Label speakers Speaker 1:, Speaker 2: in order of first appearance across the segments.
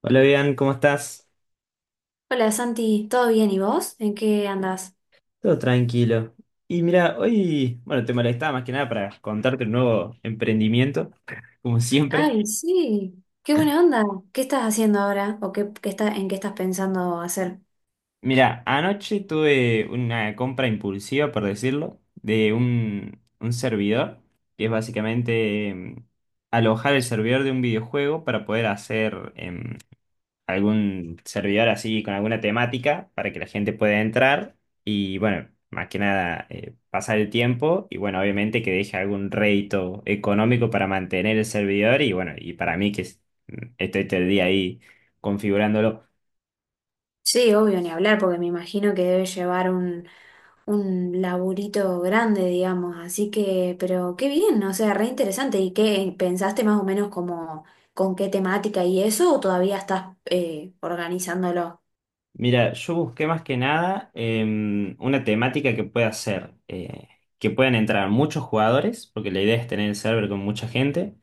Speaker 1: Hola, bien, ¿cómo estás?
Speaker 2: Hola Santi, ¿todo bien? ¿Y vos? ¿En qué andás?
Speaker 1: Todo tranquilo. Y mira, hoy, bueno, te molestaba más que nada para contarte un nuevo emprendimiento, como siempre.
Speaker 2: Ay, sí, qué buena onda. ¿Qué estás haciendo ahora? ¿O qué, en qué estás pensando hacer?
Speaker 1: Mira, anoche tuve una compra impulsiva, por decirlo, de un servidor, que es básicamente alojar el servidor de un videojuego para poder hacer algún servidor así con alguna temática para que la gente pueda entrar y bueno, más que nada pasar el tiempo y bueno, obviamente que deje algún rédito económico para mantener el servidor y bueno, y para mí estoy todo el día ahí configurándolo.
Speaker 2: Sí, obvio, ni hablar, porque me imagino que debe llevar un laburito grande, digamos. Así que, pero qué bien, o sea, re interesante. ¿Y qué pensaste más o menos como con qué temática y eso, o todavía estás organizándolo?
Speaker 1: Mira, yo busqué más que nada una temática que pueda ser, que puedan entrar muchos jugadores, porque la idea es tener el server con mucha gente.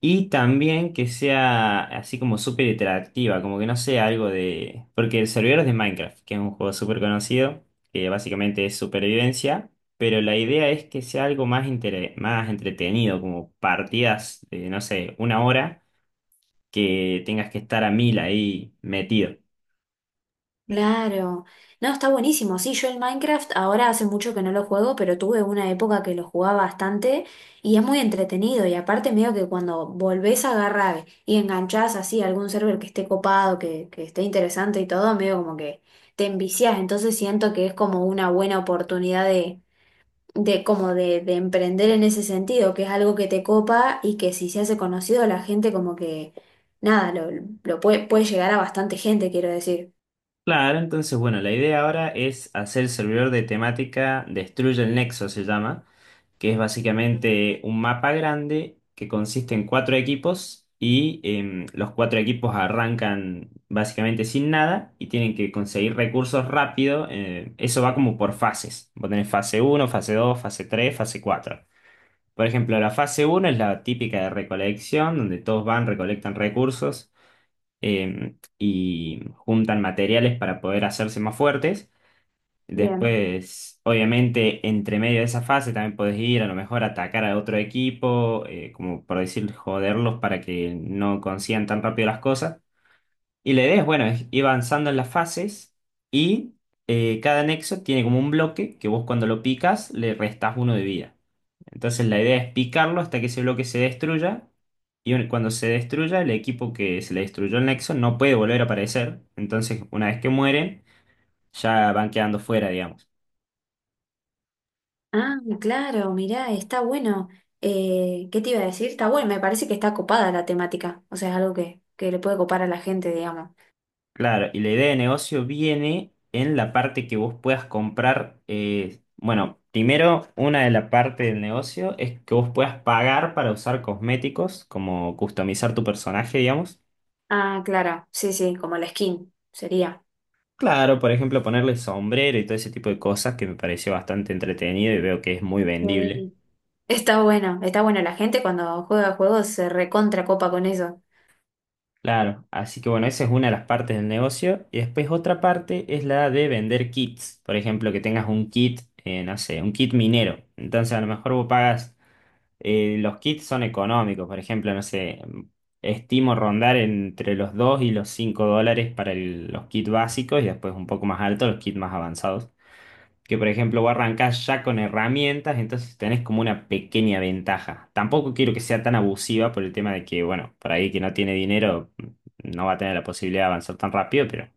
Speaker 1: Y también que sea así como súper interactiva, como que no sea algo de. Porque el servidor es de Minecraft, que es un juego súper conocido, que básicamente es supervivencia, pero la idea es que sea algo más entretenido, como partidas de, no sé, una hora, que tengas que estar a mil ahí metido.
Speaker 2: Claro, no, está buenísimo. Sí, yo el Minecraft ahora hace mucho que no lo juego, pero tuve una época que lo jugaba bastante y es muy entretenido. Y aparte, medio que cuando volvés a agarrar y enganchás así a algún server que esté copado, que esté interesante y todo, medio como que te enviciás. Entonces siento que es como una buena oportunidad de emprender en ese sentido, que es algo que te copa y que si se hace conocido, la gente como que nada, lo puede llegar a bastante gente, quiero decir.
Speaker 1: Claro, entonces bueno, la idea ahora es hacer el servidor de temática Destruye el Nexo, se llama, que es básicamente un mapa grande que consiste en cuatro equipos y los cuatro equipos arrancan básicamente sin nada y tienen que conseguir recursos rápido. Eso va como por fases. Vos tenés fase uno, fase dos, fase tres, fase cuatro. Por ejemplo, la fase uno es la típica de recolección, donde todos van, recolectan recursos y juntan materiales para poder hacerse más fuertes.
Speaker 2: Bien.
Speaker 1: Después, obviamente, entre medio de esa fase también podés ir a lo mejor a atacar a otro equipo, como por decir, joderlos para que no consigan tan rápido las cosas. Y la idea es, bueno, es ir avanzando en las fases y cada nexo tiene como un bloque que vos cuando lo picas le restás uno de vida. Entonces la idea es picarlo hasta que ese bloque se destruya y cuando se destruya el equipo que se le destruyó el nexo no puede volver a aparecer. Entonces una vez que mueren ya van quedando fuera, digamos.
Speaker 2: Ah, claro, mirá, está bueno. ¿Qué te iba a decir? Está bueno, me parece que está copada la temática. O sea, es algo que le puede copar a la gente, digamos.
Speaker 1: Claro, y la idea de negocio viene en la parte que vos puedas comprar, bueno, primero una de la parte del negocio es que vos puedas pagar para usar cosméticos, como customizar tu personaje, digamos.
Speaker 2: Ah, claro, sí, sí, como la skin sería.
Speaker 1: Claro, por ejemplo, ponerle sombrero y todo ese tipo de cosas que me pareció bastante entretenido y veo que es muy vendible.
Speaker 2: Sí. Está bueno, está bueno. La gente cuando juega juegos se recontra copa con eso.
Speaker 1: Claro, así que bueno, esa es una de las partes del negocio. Y después otra parte es la de vender kits. Por ejemplo, que tengas un kit, no sé, un kit minero. Entonces a lo mejor vos pagas. Los kits son económicos, por ejemplo, no sé, estimo rondar entre los 2 y los $5 para los kits básicos y después un poco más alto los kits más avanzados. Que por ejemplo vos arrancás ya con herramientas, entonces tenés como una pequeña ventaja. Tampoco quiero que sea tan abusiva por el tema de que, bueno, por ahí que no tiene dinero no va a tener la posibilidad de avanzar tan rápido, pero.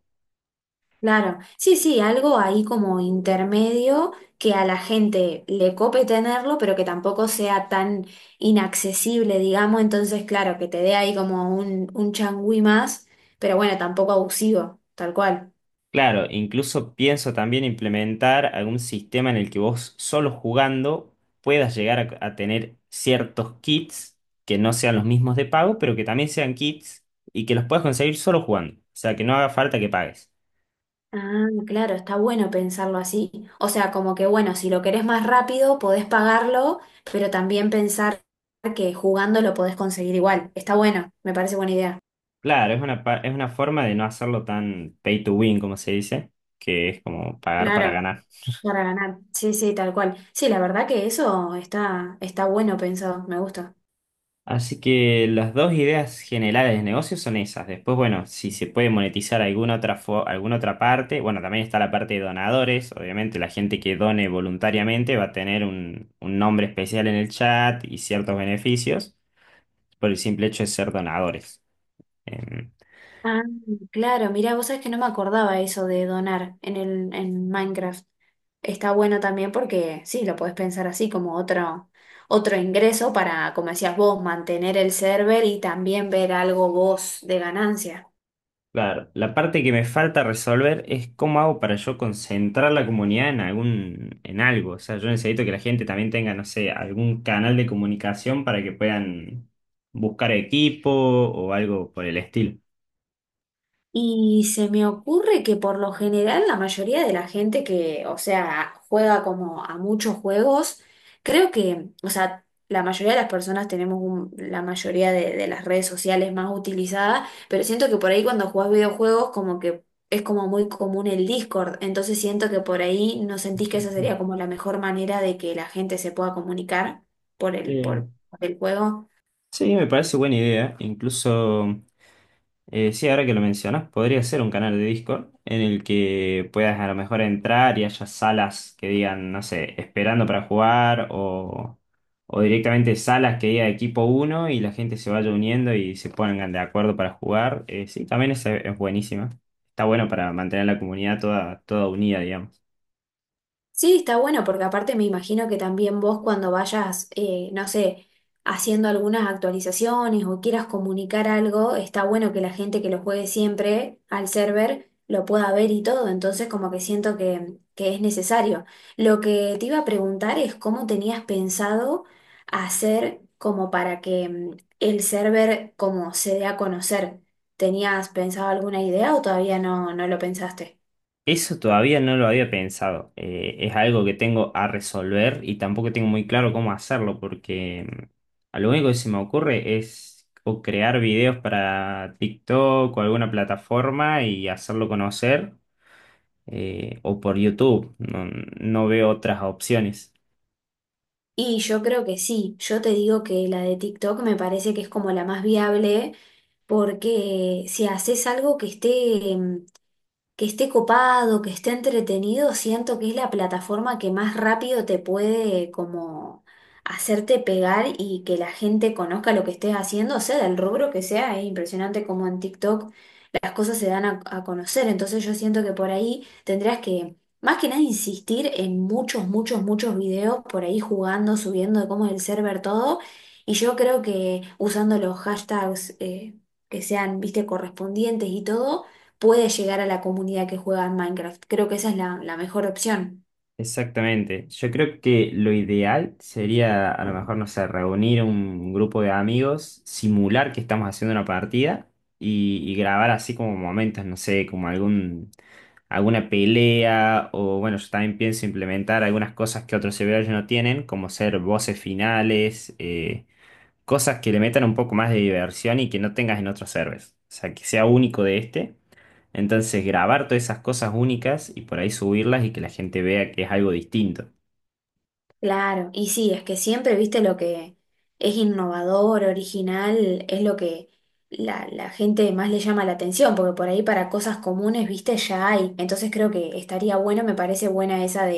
Speaker 2: Claro, sí, sí, algo ahí como intermedio que a la gente le cope tenerlo, pero que tampoco sea tan inaccesible, digamos, entonces, claro, que te dé ahí como un changüí más, pero bueno, tampoco abusivo, tal cual.
Speaker 1: Claro, incluso pienso también implementar algún sistema en el que vos solo jugando puedas llegar a tener ciertos kits que no sean los mismos de pago, pero que también sean kits y que los puedas conseguir solo jugando. O sea, que no haga falta que pagues.
Speaker 2: Ah, claro, está bueno pensarlo así. O sea, como que bueno, si lo querés más rápido, podés pagarlo, pero también pensar que jugando lo podés conseguir igual. Está bueno, me parece buena idea.
Speaker 1: Claro, es una forma de no hacerlo tan pay to win, como se dice, que es como pagar para
Speaker 2: Claro.
Speaker 1: ganar.
Speaker 2: Para ganar. Sí, sí, tal cual. Sí, la verdad que eso está bueno pensado, me gusta.
Speaker 1: Así que las dos ideas generales de negocio son esas. Después, bueno, si se puede monetizar alguna otra, alguna otra parte, bueno, también está la parte de donadores. Obviamente, la gente que done voluntariamente va a tener un nombre especial en el chat y ciertos beneficios por el simple hecho de ser donadores. Em,
Speaker 2: Ah, claro, mirá, vos sabés que no me acordaba eso de donar en en Minecraft. Está bueno también porque sí, lo podés pensar así como otro ingreso para, como decías vos, mantener el server y también ver algo vos de ganancia.
Speaker 1: Claro, la parte que me falta resolver es cómo hago para yo concentrar la comunidad en en algo. O sea, yo necesito que la gente también tenga, no sé, algún canal de comunicación para que puedan buscar equipo o algo por el estilo.
Speaker 2: Y se me ocurre que por lo general la mayoría de la gente que, o sea, juega como a muchos juegos, creo que, o sea, la mayoría de las personas tenemos un- la mayoría de las redes sociales más utilizadas, pero siento que por ahí cuando jugás videojuegos como que es como muy común el Discord, entonces siento que por ahí no sentís que esa sería como la mejor manera de que la gente se pueda comunicar por
Speaker 1: Eh,
Speaker 2: por el juego.
Speaker 1: sí, me parece buena idea. Incluso, sí, ahora que lo mencionas, podría ser un canal de Discord en el que puedas a lo mejor entrar y haya salas que digan, no sé, esperando para jugar o directamente salas que diga equipo uno y la gente se vaya uniendo y se pongan de acuerdo para jugar. Sí, también esa es buenísima. Está bueno para mantener la comunidad toda, toda unida, digamos.
Speaker 2: Sí, está bueno porque aparte me imagino que también vos cuando vayas, no sé, haciendo algunas actualizaciones o quieras comunicar algo, está bueno que la gente que lo juegue siempre al server lo pueda ver y todo, entonces como que siento que es necesario. Lo que te iba a preguntar es cómo tenías pensado hacer como para que el server como se dé a conocer. ¿Tenías pensado alguna idea o todavía no lo pensaste?
Speaker 1: Eso todavía no lo había pensado. Es algo que tengo a resolver y tampoco tengo muy claro cómo hacerlo porque a lo único que se me ocurre es o crear videos para TikTok o alguna plataforma y hacerlo conocer o por YouTube. No, no veo otras opciones.
Speaker 2: Y yo creo que sí, yo te digo que la de TikTok me parece que es como la más viable porque si haces algo que que esté copado, que esté entretenido, siento que es la plataforma que más rápido te puede como hacerte pegar y que la gente conozca lo que estés haciendo, sea del rubro que sea, es impresionante como en TikTok las cosas se dan a conocer, entonces yo siento que por ahí tendrías que... Más que nada insistir en muchos, muchos, muchos videos por ahí jugando, subiendo de cómo es el server, todo. Y yo creo que usando los hashtags que sean, viste, correspondientes y todo, puede llegar a la comunidad que juega en Minecraft. Creo que esa es la mejor opción.
Speaker 1: Exactamente. Yo creo que lo ideal sería, a lo mejor, no sé, reunir un grupo de amigos, simular que estamos haciendo una partida y grabar así como momentos, no sé, como alguna pelea o bueno, yo también pienso implementar algunas cosas que otros servidores no tienen, como ser voces finales, cosas que le metan un poco más de diversión y que no tengas en otros servers. O sea, que sea único de este. Entonces, grabar todas esas cosas únicas y por ahí subirlas y que la gente vea que es algo distinto.
Speaker 2: Claro, y sí, es que siempre, viste, lo que es innovador, original, es lo que la gente más le llama la atención, porque por ahí para cosas comunes, viste, ya hay. Entonces creo que estaría bueno, me parece buena esa,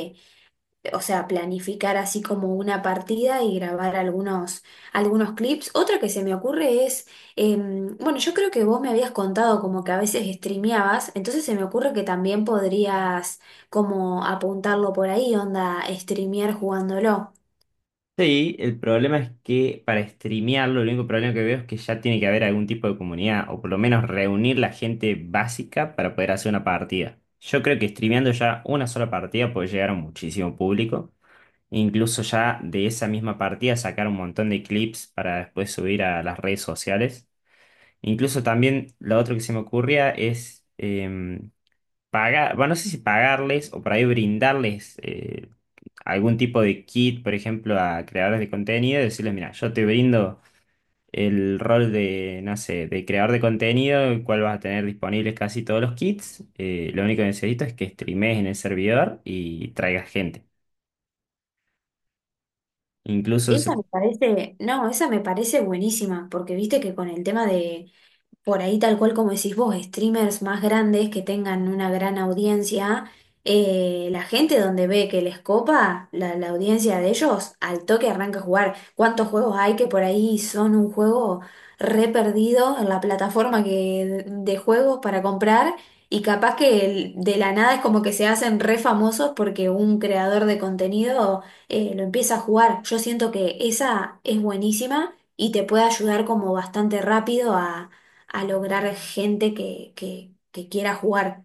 Speaker 2: o sea, planificar así como una partida y grabar algunos clips. Otra que se me ocurre bueno, yo creo que vos me habías contado como que a veces streameabas, entonces se me ocurre que también podrías como apuntarlo por ahí, onda, streamear jugándolo.
Speaker 1: Sí, el problema es que para streamearlo, el único problema que veo es que ya tiene que haber algún tipo de comunidad o por lo menos reunir la gente básica para poder hacer una partida. Yo creo que streameando ya una sola partida puede llegar a muchísimo público. Incluso ya de esa misma partida sacar un montón de clips para después subir a las redes sociales. Incluso también lo otro que se me ocurría es pagar, bueno, no sé si pagarles o por ahí brindarles algún tipo de kit, por ejemplo, a creadores de contenido, decirles, mira, yo te brindo el rol de, no sé, de creador de contenido, el cual vas a tener disponibles casi todos los kits. Lo único que necesito es que streamees en el servidor y traigas gente. Incluso se
Speaker 2: Esa me parece, no, esa me parece buenísima, porque viste que con el tema de por ahí tal cual como decís vos, streamers más grandes que tengan una gran audiencia, la gente donde ve que les copa, la audiencia de ellos, al toque arranca a jugar. ¿Cuántos juegos hay que por ahí son un juego re perdido en la plataforma que, de juegos para comprar? Y capaz que el- de la nada es como que se hacen re famosos porque un creador de contenido lo empieza a jugar. Yo siento que esa es buenísima y te puede ayudar como bastante rápido a lograr gente que quiera jugar.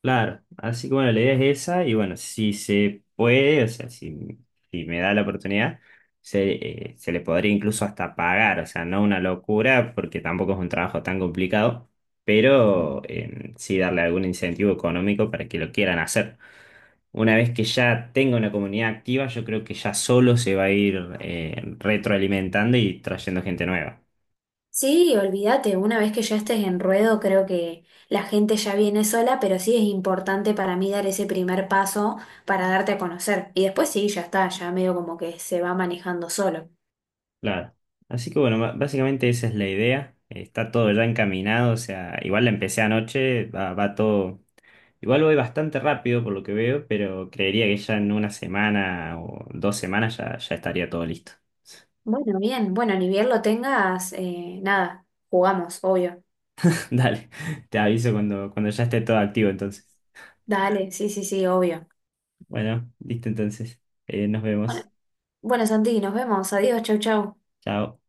Speaker 1: Claro, así que bueno, la idea es esa y bueno, si se puede, o sea, si, si me da la oportunidad, se, se le podría incluso hasta pagar, o sea, no una locura porque tampoco es un trabajo tan complicado, pero sí darle algún incentivo económico para que lo quieran hacer. Una vez que ya tenga una comunidad activa, yo creo que ya solo se va a ir retroalimentando y trayendo gente nueva.
Speaker 2: Sí, olvídate, una vez que ya estés en ruedo, creo que la gente ya viene sola, pero sí es importante para mí dar ese primer paso para darte a conocer. Y después sí, ya está, ya medio como que se va manejando solo.
Speaker 1: Claro. Así que bueno, básicamente esa es la idea. Está todo ya encaminado, o sea, igual la empecé anoche, va, va todo. Igual voy bastante rápido por lo que veo, pero creería que ya en una semana o 2 semanas ya, ya estaría todo listo.
Speaker 2: Bueno, bien, bueno, ni bien lo tengas, nada, jugamos, obvio.
Speaker 1: Dale, te aviso cuando ya esté todo activo entonces.
Speaker 2: Dale, sí, sí, sí, obvio.
Speaker 1: Bueno, listo entonces. Nos vemos.
Speaker 2: Bueno, bueno, Santi, nos vemos, adiós, chau, chau.
Speaker 1: Chao.